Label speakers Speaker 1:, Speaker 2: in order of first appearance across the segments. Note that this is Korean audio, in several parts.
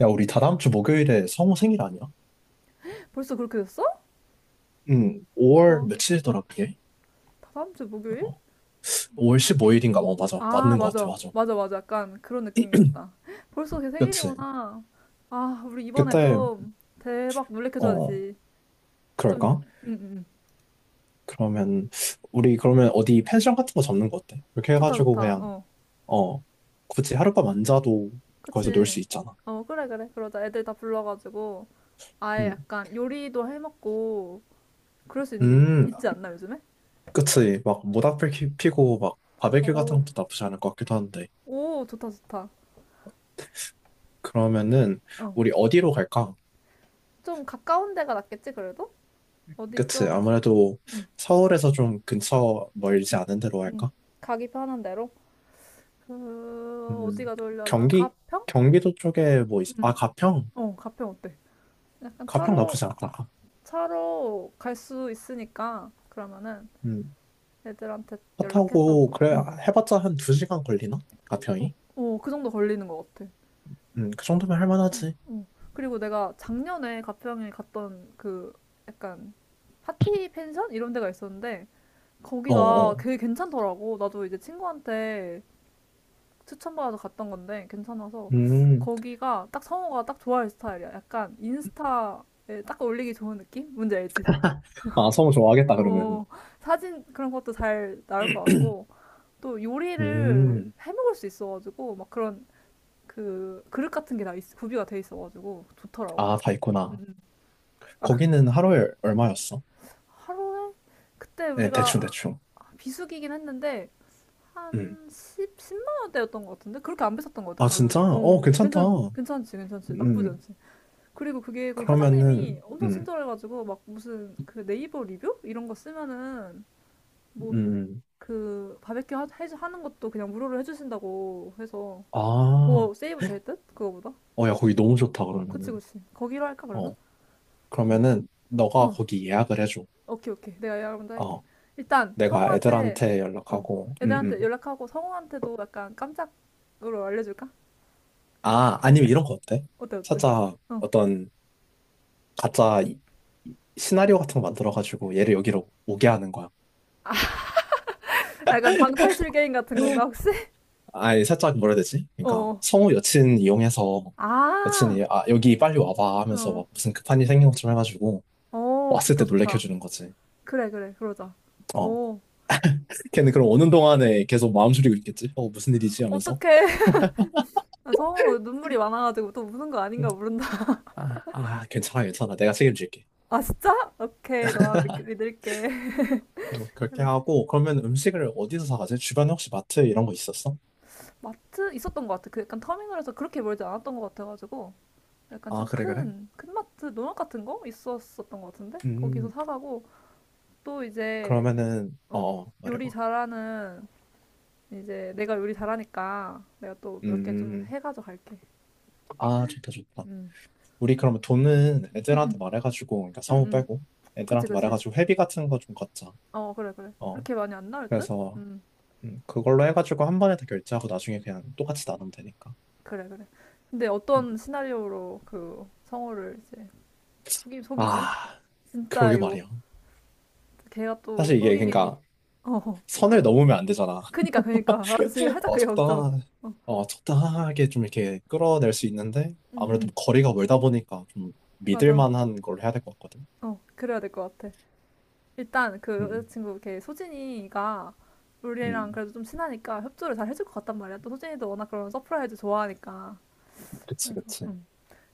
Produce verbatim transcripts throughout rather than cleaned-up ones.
Speaker 1: 야, 우리 다다음 주 목요일에 성우 생일 아니야?
Speaker 2: 벌써 그렇게 됐어?
Speaker 1: 응, 오월
Speaker 2: 아,
Speaker 1: 며칠이더라, 그게?
Speaker 2: 다음 주 목요일?
Speaker 1: 어, 오월 십오 일인가? 어, 맞아.
Speaker 2: 아,
Speaker 1: 맞는 것 같아,
Speaker 2: 맞아.
Speaker 1: 맞아.
Speaker 2: 맞아, 맞아. 약간 그런 느낌이었다. 벌써 걔
Speaker 1: 그치.
Speaker 2: 생일이구나. 아, 우리 이번에
Speaker 1: 그때,
Speaker 2: 좀 대박
Speaker 1: 어,
Speaker 2: 놀래켜줘야지. 좀,
Speaker 1: 그럴까?
Speaker 2: 응, 응.
Speaker 1: 그러면, 우리 그러면 어디 펜션 같은 거 잡는 거 어때? 그렇게
Speaker 2: 좋다,
Speaker 1: 해가지고
Speaker 2: 좋다.
Speaker 1: 그냥,
Speaker 2: 어,
Speaker 1: 어, 굳이 하룻밤 안 자도 거기서 놀
Speaker 2: 그치.
Speaker 1: 수 있잖아.
Speaker 2: 어, 그래, 그래. 그러자. 애들 다 불러가지고 아예
Speaker 1: 응.
Speaker 2: 약간 요리도 해먹고 그럴 수 있는데 있,
Speaker 1: 음,
Speaker 2: 있지 않나, 요즘에?
Speaker 1: 그치. 막 모닥불 피- 피고 막 바베큐
Speaker 2: 오,
Speaker 1: 같은 것도 나쁘지 않을 것 같기도 한데.
Speaker 2: 오, 좋다, 좋다.
Speaker 1: 그러면은,
Speaker 2: 어,
Speaker 1: 우리 어디로 갈까?
Speaker 2: 좀 가까운 데가 낫겠지, 그래도? 어디
Speaker 1: 그치.
Speaker 2: 좀,
Speaker 1: 아무래도
Speaker 2: 응,
Speaker 1: 서울에서 좀 근처 멀지 않은 데로
Speaker 2: 응.
Speaker 1: 할까?
Speaker 2: 가기 편한 데로? 그
Speaker 1: 음,
Speaker 2: 어디가 좋으려나?
Speaker 1: 경기?
Speaker 2: 가평?
Speaker 1: 경기도 쪽에 뭐, 있...
Speaker 2: 응.
Speaker 1: 아, 가평?
Speaker 2: 어, 가평 어때? 약간
Speaker 1: 가평
Speaker 2: 차로
Speaker 1: 나쁘지 않다.
Speaker 2: 차로 갈 수 있으니까 그러면은
Speaker 1: 음,
Speaker 2: 애들한테
Speaker 1: 차
Speaker 2: 연락해서
Speaker 1: 타고, 그래,
Speaker 2: 응.
Speaker 1: 해봤자 한 두 시간 걸리나?
Speaker 2: 어,
Speaker 1: 가평이?
Speaker 2: 어, 그 정도 걸리는 것 같아.
Speaker 1: 음, 그 정도면
Speaker 2: 응.
Speaker 1: 할만하지.
Speaker 2: 어. 그리고 내가 작년에 가평에 갔던 그 약간 파티 펜션 이런 데가 있었는데
Speaker 1: 어,
Speaker 2: 거기가
Speaker 1: 어.
Speaker 2: 되게 괜찮더라고. 나도 이제 친구한테 추천받아서 갔던 건데 괜찮아서
Speaker 1: 음,
Speaker 2: 거기가 딱 성우가 딱 좋아할 스타일이야. 약간 인스타에 딱 올리기 좋은 느낌? 뭔지 알지?
Speaker 1: 아, 성우 좋아하겠다, 그러면.
Speaker 2: 어, 사진 그런 것도 잘 나올 것 같고 또 요리를
Speaker 1: 음,
Speaker 2: 해 먹을 수 있어가지고 막 그런 그 그릇 같은 게 다 구비가 돼 있어가지고 좋더라고.
Speaker 1: 아, 다
Speaker 2: 음,
Speaker 1: 있구나.
Speaker 2: 음. 아, 그
Speaker 1: 거기는 하루에 얼마였어?
Speaker 2: 하루에 그때
Speaker 1: 네, 대충,
Speaker 2: 우리가
Speaker 1: 대충.
Speaker 2: 비수기긴 했는데
Speaker 1: 음.
Speaker 2: 한 십, 만 원대였던 것 같은데 그렇게 안 비쌌던 것
Speaker 1: 아,
Speaker 2: 같아
Speaker 1: 진짜?
Speaker 2: 가격이.
Speaker 1: 어,
Speaker 2: 어,
Speaker 1: 괜찮다.
Speaker 2: 괜찮 괜찮지 괜찮지 나쁘지
Speaker 1: 음,
Speaker 2: 않지. 그리고 그게 그 사장님이
Speaker 1: 그러면은,
Speaker 2: 엄청
Speaker 1: 음,
Speaker 2: 친절해가지고 막 무슨 그 네이버 리뷰 이런 거 쓰면은 뭐
Speaker 1: 음.
Speaker 2: 그 바베큐 하, 해- 하는 것도 그냥 무료로 해주신다고 해서
Speaker 1: 아.
Speaker 2: 더 세이브 될 듯? 그거보다?
Speaker 1: 어, 야, 거기 너무 좋다,
Speaker 2: 그치
Speaker 1: 그러면은.
Speaker 2: 그치 거기로 할까 그러면?
Speaker 1: 어, 그러면은, 너가
Speaker 2: 어,
Speaker 1: 거기 예약을 해줘.
Speaker 2: 오케이, 오케이, 내가 이약을 먼저 할게.
Speaker 1: 어,
Speaker 2: 일단
Speaker 1: 내가
Speaker 2: 성우한테
Speaker 1: 애들한테
Speaker 2: 어,
Speaker 1: 연락하고, 음,
Speaker 2: 애들한테
Speaker 1: 음.
Speaker 2: 연락하고 성우한테도 약간 깜짝으로 알려줄까?
Speaker 1: 아, 아니면 이런 거 어때?
Speaker 2: 어때, 어때?
Speaker 1: 살짝
Speaker 2: 어,
Speaker 1: 어떤 가짜 이- 시나리오 같은 거 만들어가지고 얘를 여기로 오게 하는 거야.
Speaker 2: 약간 방탈출 게임 같은 건가 혹시?
Speaker 1: 아니, 살짝 뭐라 해야 되지? 그러니까,
Speaker 2: 어,
Speaker 1: 성우 여친 이용해서
Speaker 2: 아,
Speaker 1: 여친이, 아, 여기 빨리 와봐 하면서
Speaker 2: 어,
Speaker 1: 막 무슨 급한 일 생긴 것처럼 해가지고,
Speaker 2: 어,
Speaker 1: 왔을
Speaker 2: 좋다,
Speaker 1: 때 놀래켜
Speaker 2: 좋다.
Speaker 1: 주는 거지.
Speaker 2: 그래, 그래, 그러자.
Speaker 1: 어.
Speaker 2: 어,
Speaker 1: 걔는 그럼 오는 동안에 계속 마음 졸이고 있겠지? 어, 무슨 일이지? 하면서.
Speaker 2: 어떡해. 성우 눈물이 많아가지고 또 우는 거 아닌가 모른다.
Speaker 1: 아, 아, 괜찮아, 괜찮아. 내가 책임질게.
Speaker 2: 아, 진짜? 오케이, 너만 믿, 믿을게.
Speaker 1: 어, 그렇게
Speaker 2: 그래.
Speaker 1: 하고 그러면 음식을 어디서 사가지? 주변에 혹시 마트 이런 거 있었어?
Speaker 2: 마트 있었던 것 같아. 그 약간 터미널에서 그렇게 멀지 않았던 것 같아가지고. 약간
Speaker 1: 아,
Speaker 2: 좀
Speaker 1: 그래, 그래?
Speaker 2: 큰, 큰 마트, 농협 같은 거? 있었었던 것 같은데? 거기서
Speaker 1: 음,
Speaker 2: 사가고. 또 이제,
Speaker 1: 그러면은
Speaker 2: 어,
Speaker 1: 어, 어,
Speaker 2: 요리
Speaker 1: 말해봐.
Speaker 2: 잘하는, 이제 내가 요리 잘하니까 내가 또 몇 개 좀
Speaker 1: 음,
Speaker 2: 해가지고 갈게.
Speaker 1: 아, 좋다, 좋다.
Speaker 2: 응,
Speaker 1: 우리 그러면 돈은
Speaker 2: 응,
Speaker 1: 애들한테
Speaker 2: 응,
Speaker 1: 말해가지고, 그러니까
Speaker 2: 응,
Speaker 1: 성우
Speaker 2: 응.
Speaker 1: 빼고
Speaker 2: 그치,
Speaker 1: 애들한테
Speaker 2: 그치.
Speaker 1: 말해가지고 회비 같은 거 좀 걷자.
Speaker 2: 어, 그래, 그래.
Speaker 1: 어,
Speaker 2: 그렇게 많이 안 나올 듯?
Speaker 1: 그래서
Speaker 2: 응.
Speaker 1: 음, 그걸로 해가지고 한 번에 다 결제하고 나중에 그냥 똑같이 나누면 되니까.
Speaker 2: 그래, 그래. 근데
Speaker 1: 음,
Speaker 2: 어떤 시나리오로 그 성우를 이제 속이, 속이지?
Speaker 1: 아,
Speaker 2: 진짜
Speaker 1: 그러게
Speaker 2: 이거
Speaker 1: 말이야.
Speaker 2: 걔가 또
Speaker 1: 사실 이게
Speaker 2: 속이기.
Speaker 1: 그러니까
Speaker 2: 어,
Speaker 1: 선을 넘으면 안 되잖아.
Speaker 2: 그니까, 그니까. 나도 지금 살짝
Speaker 1: 어,
Speaker 2: 그게 걱정.
Speaker 1: 적당한,
Speaker 2: 어,
Speaker 1: 어, 적당하게 좀 이렇게 끌어낼 수 있는데,
Speaker 2: 응,
Speaker 1: 아무래도
Speaker 2: 응.
Speaker 1: 뭐 거리가 멀다 보니까 좀 믿을
Speaker 2: 맞아.
Speaker 1: 만한 걸 해야 될 것 같거든.
Speaker 2: 어, 그래야 될 것 같아. 일단 그
Speaker 1: 음,
Speaker 2: 여자친구 걔 소진이가 우리랑
Speaker 1: 음,
Speaker 2: 그래도 좀 친하니까 협조를 잘 해줄 것 같단 말이야. 또 소진이도 워낙 그런 서프라이즈 좋아하니까.
Speaker 1: 그치,
Speaker 2: 그래서,
Speaker 1: 그치.
Speaker 2: 응.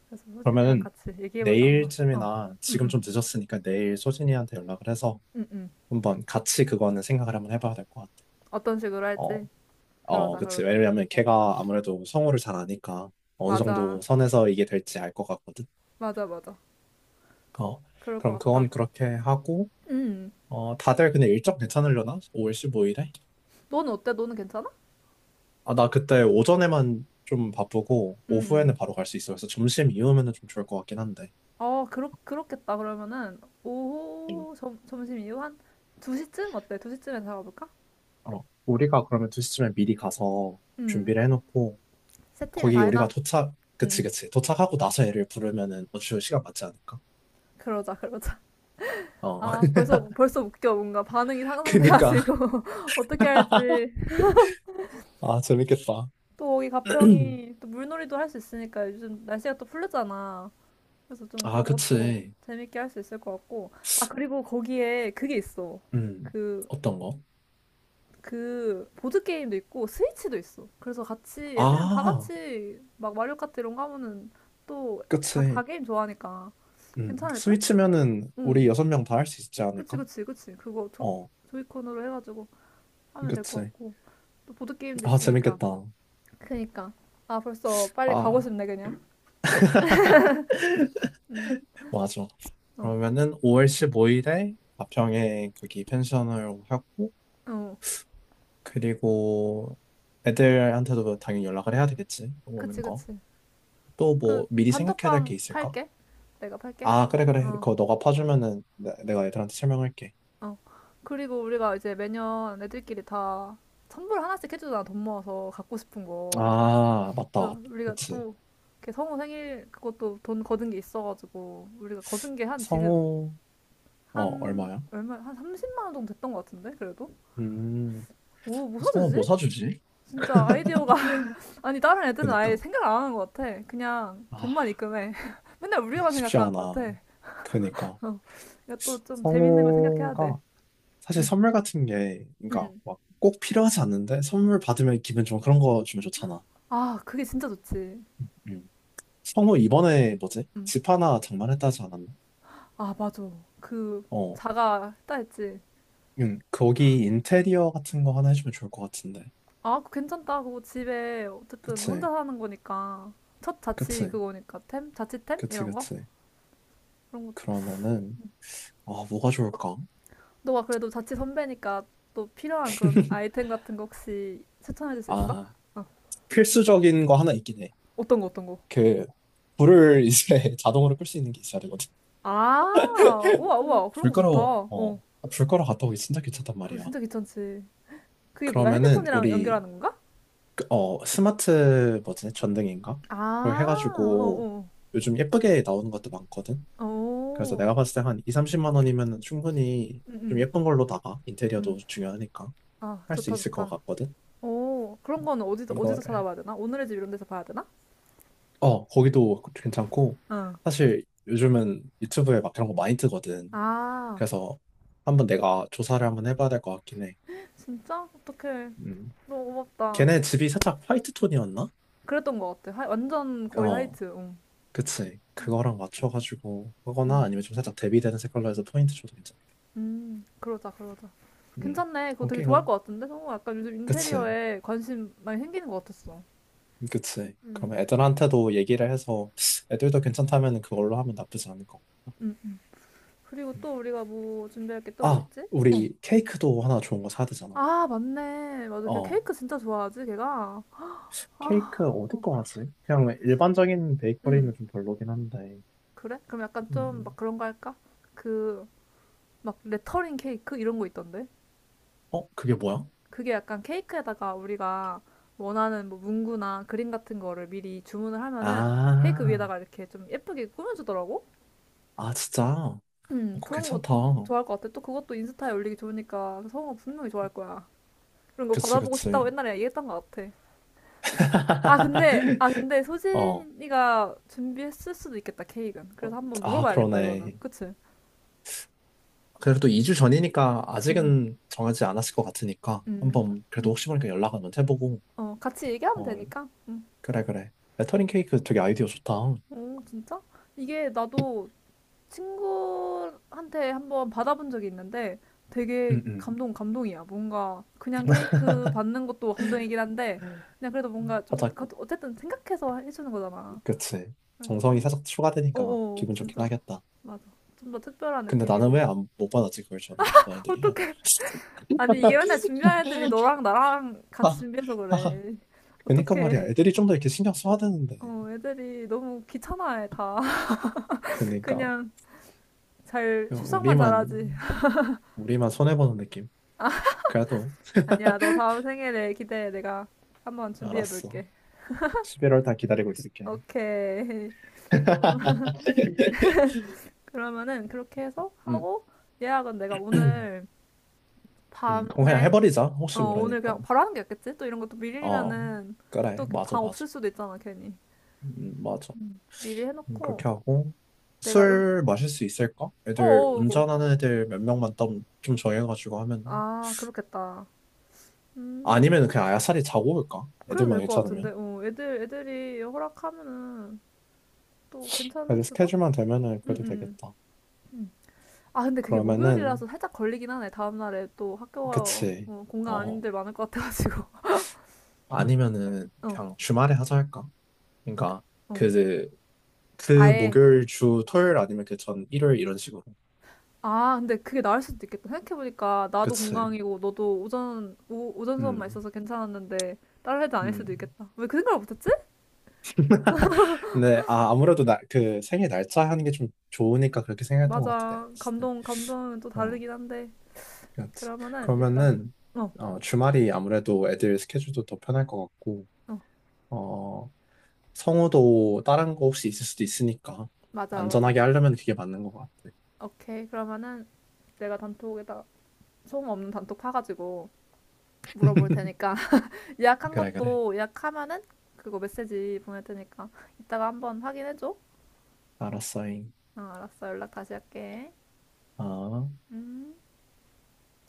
Speaker 2: 그래서 소진이랑
Speaker 1: 그러면은
Speaker 2: 같이 얘기해보자, 한번. 어,
Speaker 1: 내일쯤이나
Speaker 2: 응,
Speaker 1: 지금
Speaker 2: 응,
Speaker 1: 좀 늦었으니까 내일 소진이한테 연락을 해서
Speaker 2: 응, 응.
Speaker 1: 한번 같이 그거는 생각을 한번 해봐야 될 것 같아.
Speaker 2: 어떤 식으로
Speaker 1: 어,
Speaker 2: 할지.
Speaker 1: 어,
Speaker 2: 그러자,
Speaker 1: 그치.
Speaker 2: 그러자.
Speaker 1: 왜냐면 걔가 아무래도 성우를 잘 아니까 어느 정도
Speaker 2: 맞아.
Speaker 1: 선에서 이게 될지 알 것 같거든.
Speaker 2: 맞아, 맞아.
Speaker 1: 어,
Speaker 2: 그럴 것
Speaker 1: 그럼
Speaker 2: 같다.
Speaker 1: 그건 그렇게 하고,
Speaker 2: 음,
Speaker 1: 어, 다들 근데 일정 괜찮으려나? 오월 십오 일에?
Speaker 2: 너는 어때? 너는 괜찮아?
Speaker 1: 아, 나 그때 오전에만 좀 바쁘고,
Speaker 2: 음,
Speaker 1: 오후에는
Speaker 2: 음.
Speaker 1: 바로 갈 수 있어. 그래서 점심 이후면은 좀 좋을 것 같긴 한데.
Speaker 2: 어, 그렇, 그렇겠다. 그러면은,
Speaker 1: 음.
Speaker 2: 오후, 점, 점심 이후 한 두 시쯤? 어때? 두 시쯤에 잡아볼까?
Speaker 1: 어, 우리가 그러면 두 시쯤에 미리 가서
Speaker 2: 음,
Speaker 1: 준비를 해놓고,
Speaker 2: 세팅을
Speaker 1: 거기
Speaker 2: 다 해놔.
Speaker 1: 우리가 도착,
Speaker 2: 음,
Speaker 1: 그치,
Speaker 2: 음.
Speaker 1: 그치. 도착하고 나서 애를 부르면은 어차 시간 맞지 않을까?
Speaker 2: 그러자, 그러자.
Speaker 1: 어,
Speaker 2: 아, 벌써, 벌써 웃겨. 뭔가 반응이
Speaker 1: 그니까.
Speaker 2: 상상돼가지고. 어떻게 할지.
Speaker 1: 아, 재밌겠다.
Speaker 2: 또 여기 가평이 또 물놀이도 할 수 있으니까 요즘 날씨가 또 풀렸잖아. 그래서 좀
Speaker 1: 아,
Speaker 2: 그런 것도
Speaker 1: 그치.
Speaker 2: 재밌게 할 수 있을 것 같고. 아, 그리고 거기에 그게 있어.
Speaker 1: 음,
Speaker 2: 그,
Speaker 1: 어떤 거?
Speaker 2: 그 보드 게임도 있고 스위치도 있어. 그래서 같이 애들이랑 다
Speaker 1: 아,
Speaker 2: 같이 막 마리오 카트 이런 거 하면은 또 다 다
Speaker 1: 그치.
Speaker 2: 게임 좋아하니까
Speaker 1: 음,
Speaker 2: 괜찮을 듯?
Speaker 1: 스위치면은
Speaker 2: 응.
Speaker 1: 우리 여섯 명 다 할 수 있지
Speaker 2: 그치,
Speaker 1: 않을까?
Speaker 2: 그치, 그치. 그거 조,
Speaker 1: 어,
Speaker 2: 조이콘으로 해가지고 하면 될 것
Speaker 1: 그치.
Speaker 2: 같고 또 보드 게임도
Speaker 1: 아,
Speaker 2: 있으니까.
Speaker 1: 재밌겠다.
Speaker 2: 그니까, 아, 벌써 빨리 가고
Speaker 1: 아,
Speaker 2: 싶네 그냥. 응.
Speaker 1: 맞아.
Speaker 2: 어.
Speaker 1: 그러면은 오월 십오 일에 가평에 거기 펜션을 하고,
Speaker 2: 어.
Speaker 1: 그리고 애들한테도 당연히 연락을 해야 되겠지.
Speaker 2: 그치,
Speaker 1: 오는 거.
Speaker 2: 그치.
Speaker 1: 또 뭐
Speaker 2: 그
Speaker 1: 미리 생각해야 될 게
Speaker 2: 단톡방
Speaker 1: 있을까?
Speaker 2: 팔게. 내가 팔게.
Speaker 1: 아, 그래, 그래.
Speaker 2: 어.
Speaker 1: 그거 너가 파주면은 내- 내가 애들한테 설명할게.
Speaker 2: 어. 그리고 우리가 이제 매년 애들끼리 다 선물 하나씩 해주잖아. 돈 모아서 갖고 싶은 거.
Speaker 1: 아, 맞다.
Speaker 2: 그래서 우리가
Speaker 1: 그치.
Speaker 2: 또 이렇게 성우 생일 그것도 돈 거둔 게 있어가지고 우리가 거둔 게 한 지금
Speaker 1: 성우, 어,
Speaker 2: 한
Speaker 1: 얼마야?
Speaker 2: 얼마 한 삼십만 원 정도 됐던 것 같은데 그래도
Speaker 1: 음,
Speaker 2: 뭐, 뭐
Speaker 1: 성우 뭐
Speaker 2: 사주지?
Speaker 1: 사주지?
Speaker 2: 진짜 아이디어가 아니 다른 애들은 아예
Speaker 1: 그니까.
Speaker 2: 생각을 안 하는 것 같아. 그냥
Speaker 1: 아,
Speaker 2: 돈만 입금해. 맨날 우리만
Speaker 1: 쉽지
Speaker 2: 생각하는 것
Speaker 1: 않아.
Speaker 2: 같아.
Speaker 1: 그니까.
Speaker 2: 어. 이거 또 좀 재밌는 걸 생각해야 돼.
Speaker 1: 성우가 사실
Speaker 2: 응.
Speaker 1: 선물 같은 게, 그러니까
Speaker 2: 응.
Speaker 1: 막 꼭 필요하지 않는데 선물 받으면 기분 좀 그런 거 주면 좋잖아.
Speaker 2: 아, 그게 진짜 좋지.
Speaker 1: 음. 성우 이번에 뭐지?
Speaker 2: 응.
Speaker 1: 집 하나 장만했다 하지 않았나?
Speaker 2: 아, 맞아. 그
Speaker 1: 어,
Speaker 2: 자가 했다 했지.
Speaker 1: 음, 거기 인테리어 같은 거 하나 해주면 좋을 것 같은데.
Speaker 2: 아, 그거 괜찮다. 그거 집에 어쨌든 혼자
Speaker 1: 그치,
Speaker 2: 사는 거니까 첫 자취
Speaker 1: 그치,
Speaker 2: 그거니까 템? 자취템?
Speaker 1: 그치,
Speaker 2: 이런 거?
Speaker 1: 그치.
Speaker 2: 그런 거.
Speaker 1: 그러면은 아 뭐가 좋을까?
Speaker 2: 너가 그래도 자취 선배니까 또 필요한 그런 아이템 같은 거 혹시 추천해 줄 수 있어?
Speaker 1: 아
Speaker 2: 어.
Speaker 1: 필수적인 거 하나 있긴 해.
Speaker 2: 어떤 거, 어떤 거?
Speaker 1: 그 불을 이제 자동으로 끌 수 있는 게 있어야 되거든.
Speaker 2: 아, 우와, 우와. 그런
Speaker 1: 불
Speaker 2: 거 좋다.
Speaker 1: 끄러, 어,
Speaker 2: 어.
Speaker 1: 불 끄러 갔다 오기 진짜 귀찮단
Speaker 2: 그거
Speaker 1: 말이야.
Speaker 2: 진짜 귀찮지. 그게 뭐야?
Speaker 1: 그러면은
Speaker 2: 핸드폰이랑
Speaker 1: 우리
Speaker 2: 연결하는 건가?
Speaker 1: 그, 어, 스마트 뭐지? 전등인가? 그걸
Speaker 2: 아,
Speaker 1: 해가지고
Speaker 2: 어어.
Speaker 1: 요즘 예쁘게 나오는 것도 많거든.
Speaker 2: 어. 어.
Speaker 1: 그래서
Speaker 2: 어.
Speaker 1: 내가 봤을 때 한 이, 삼십만 원이면 충분히
Speaker 2: 응,
Speaker 1: 좀
Speaker 2: 응.
Speaker 1: 예쁜 걸로 나가.
Speaker 2: 응.
Speaker 1: 인테리어도 중요하니까
Speaker 2: 아,
Speaker 1: 할 수
Speaker 2: 좋다,
Speaker 1: 있을 것
Speaker 2: 좋다.
Speaker 1: 같거든.
Speaker 2: 오, 그런 건 어디서, 어디서
Speaker 1: 이거를.
Speaker 2: 찾아봐야 되나? 오늘의 집 이런 데서 봐야 되나?
Speaker 1: 어, 거기도 괜찮고.
Speaker 2: 어.
Speaker 1: 사실 요즘은 유튜브에 막 그런 거 많이 뜨거든.
Speaker 2: 아,
Speaker 1: 그래서 한번 내가 조사를 한번 해봐야 될 것 같긴 해.
Speaker 2: 진짜? 어떡해.
Speaker 1: 음.
Speaker 2: 너무 고맙다.
Speaker 1: 걔네 집이 살짝 화이트 톤이었나?
Speaker 2: 그랬던 것 같아. 하, 완전 거의
Speaker 1: 어.
Speaker 2: 하이트. 응.
Speaker 1: 그치. 그거랑 맞춰가지고 하거나
Speaker 2: 음.
Speaker 1: 아니면 좀 살짝 대비되는 색깔로 해서 포인트 줘도 괜찮겠다.
Speaker 2: 음, 그러자, 그러자.
Speaker 1: 음.
Speaker 2: 괜찮네. 그거 되게
Speaker 1: 오케이,
Speaker 2: 좋아할 것
Speaker 1: 그럼.
Speaker 2: 같은데? 성우 약간 요즘
Speaker 1: 그치.
Speaker 2: 인테리어에 관심 많이 생기는 것 같았어.
Speaker 1: 그치.
Speaker 2: 음.
Speaker 1: 그러면 애들한테도 얘기를 해서 애들도 괜찮다면 그걸로 하면 나쁘지 않을 것 같다.
Speaker 2: 음. 그리고
Speaker 1: 음.
Speaker 2: 또 우리가 뭐 준비할 게 또 뭐
Speaker 1: 아,
Speaker 2: 있지? 어.
Speaker 1: 우리 케이크도 하나 좋은 거 사야 되잖아.
Speaker 2: 아, 맞네. 맞아. 걔
Speaker 1: 어.
Speaker 2: 케이크 진짜 좋아하지, 걔가.
Speaker 1: 케이크
Speaker 2: 아,
Speaker 1: 어디 거 하지? 그냥 일반적인
Speaker 2: 음.
Speaker 1: 베이커리는 좀 별로긴 한데.
Speaker 2: 그래? 그럼 약간 좀 막
Speaker 1: 음.
Speaker 2: 그런 거 할까? 그, 막 레터링 케이크 이런 거 있던데?
Speaker 1: 어, 그게 뭐야?
Speaker 2: 그게 약간 케이크에다가 우리가 원하는 뭐 문구나 그림 같은 거를 미리 주문을 하면은 케이크
Speaker 1: 아,
Speaker 2: 위에다가 이렇게 좀 예쁘게 꾸며주더라고?
Speaker 1: 아, 진짜. 어,
Speaker 2: 음,
Speaker 1: 그거
Speaker 2: 그런 거
Speaker 1: 괜찮다.
Speaker 2: 좋아할 것 같아. 또 그것도 인스타에 올리기 좋으니까 성우가 분명히 좋아할 거야. 그런 거
Speaker 1: 그치,
Speaker 2: 받아보고 싶다고
Speaker 1: 그치.
Speaker 2: 옛날에 얘기했던 것 같아. 아, 근데, 아, 근데
Speaker 1: 어.
Speaker 2: 소진이가 준비했을 수도 있겠다, 케이크는. 그래서 한번
Speaker 1: 아,
Speaker 2: 물어봐야겠다, 이거는.
Speaker 1: 그러네.
Speaker 2: 그치?
Speaker 1: 그래도 이 주 전이니까
Speaker 2: 음.
Speaker 1: 아직은 정하지 않았을 것 같으니까
Speaker 2: 음,
Speaker 1: 한번 그래도
Speaker 2: 뭐,
Speaker 1: 혹시 모르니까 연락 한번 해보고
Speaker 2: 어, 같이 얘기하면
Speaker 1: 어
Speaker 2: 되니까. 음.
Speaker 1: 그래 그래 레터링 케이크 되게 아이디어 좋다.
Speaker 2: 오, 진짜? 이게 나도 친구한테 한번 받아본 적이 있는데 되게
Speaker 1: 응응.
Speaker 2: 감동, 감동이야. 뭔가 그냥 케이크 받는 것도 감동이긴 한데 그냥 그래도 뭔가 좀
Speaker 1: 하자
Speaker 2: 그것도 어쨌든 생각해서 해주는 거잖아.
Speaker 1: 그치.
Speaker 2: 그래서
Speaker 1: 정성이
Speaker 2: 좀,
Speaker 1: 살짝 추가되니까
Speaker 2: 어어,
Speaker 1: 기분 좋긴
Speaker 2: 진짜.
Speaker 1: 하겠다.
Speaker 2: 맞아. 좀 더 특별한
Speaker 1: 근데 나는
Speaker 2: 느낌이고.
Speaker 1: 왜 안 못 받았지 그걸 전에 너네들이야.
Speaker 2: 어떡해. 아니, 이게 맨날 준비한 애들이 너랑 나랑 같이
Speaker 1: 아,
Speaker 2: 준비해서
Speaker 1: 아.
Speaker 2: 그래.
Speaker 1: 그니까
Speaker 2: 어떡해.
Speaker 1: 말이야 애들이 좀 더 이렇게 신경 써야 되는데
Speaker 2: 어, 애들이 너무 귀찮아해, 다.
Speaker 1: 그니까
Speaker 2: 그냥 잘, 출석만 잘하지.
Speaker 1: 우리만 우리만 손해 보는 느낌. 그래도
Speaker 2: 아니야, 너 다음 생일에 기대해. 내가 한번 준비해
Speaker 1: 알았어.
Speaker 2: 볼게.
Speaker 1: 십일월 다 기다리고 있을게.
Speaker 2: 오케이. 그러면은 그렇게 해서
Speaker 1: 음,
Speaker 2: 하고 예약은 내가 오늘
Speaker 1: 음, 그럼 그냥
Speaker 2: 밤에
Speaker 1: 해버리자.
Speaker 2: 어,
Speaker 1: 혹시
Speaker 2: 오늘
Speaker 1: 모르니까.
Speaker 2: 그냥 바로 하는 게 낫겠지? 또 이런 것도
Speaker 1: 어,
Speaker 2: 밀리면은 또
Speaker 1: 그래. 맞아,
Speaker 2: 방
Speaker 1: 맞아.
Speaker 2: 없을 수도 있잖아, 괜히.
Speaker 1: 음, 맞아.
Speaker 2: 미리
Speaker 1: 음,
Speaker 2: 해놓고
Speaker 1: 그렇게 하고.
Speaker 2: 내가, 음,
Speaker 1: 술 마실 수 있을까? 애들,
Speaker 2: 어어,
Speaker 1: 운전하는 애들 몇 명만 좀, 좀 정해가지고 하면.
Speaker 2: 아, 그렇겠다. 음,
Speaker 1: 아니면 그냥 아야살이 자고 올까?
Speaker 2: 그래도
Speaker 1: 애들만
Speaker 2: 될 것 같은데.
Speaker 1: 괜찮으면.
Speaker 2: 어, 애들 애들이 허락하면은 또 괜찮을
Speaker 1: 애들
Speaker 2: 수도?
Speaker 1: 스케줄만 되면은 그래도
Speaker 2: 응응.
Speaker 1: 되겠다.
Speaker 2: 아, 근데 그게
Speaker 1: 그러면은,
Speaker 2: 목요일이라서 살짝 걸리긴 하네. 다음날에 또 학교가
Speaker 1: 그치.
Speaker 2: 어, 공간
Speaker 1: 어,
Speaker 2: 아닌데 많을 것 같아가지고.
Speaker 1: 아니면은
Speaker 2: 어,
Speaker 1: 그냥 주말에 하자 할까? 그러니까
Speaker 2: 어.
Speaker 1: 그 그
Speaker 2: 아예.
Speaker 1: 목요일 주 토요일 아니면 그 전 일요일 이런 식으로.
Speaker 2: 아, 근데 그게 나을 수도 있겠다. 생각해보니까 나도
Speaker 1: 그치.
Speaker 2: 공강이고 너도 오전, 오, 오전 수업만
Speaker 1: 음.
Speaker 2: 있어서 괜찮았는데 다른 애들 아닐 수도
Speaker 1: 음.
Speaker 2: 있겠다. 왜 그 생각을 못했지?
Speaker 1: 근데 아 아무래도 나 그 생일 날짜 하는 게 좀 좋으니까 그렇게 생각했던 것 같아 내가
Speaker 2: 맞아.
Speaker 1: 봤을 때.
Speaker 2: 감동, 감동은 또
Speaker 1: 어.
Speaker 2: 다르긴 한데.
Speaker 1: 그렇지.
Speaker 2: 그러면은 일단,
Speaker 1: 그러면은
Speaker 2: 어,
Speaker 1: 어 주말이 아무래도 애들 스케줄도 더 편할 것 같고
Speaker 2: 어.
Speaker 1: 어 성우도 다른 거 혹시 있을 수도 있으니까
Speaker 2: 맞아, 맞아.
Speaker 1: 안전하게 하려면 그게 맞는 것 같아.
Speaker 2: 오케이. 그러면은 내가 단톡에다 소음 없는 단톡 파가지고 물어볼 테니까. 예약한
Speaker 1: 그래 그래.
Speaker 2: 것도 예약하면은 그거 메시지 보낼 테니까 이따가 한번 확인해줘. 어,
Speaker 1: 알았어잉.
Speaker 2: 알았어. 연락 다시 할게.
Speaker 1: 어.
Speaker 2: 음.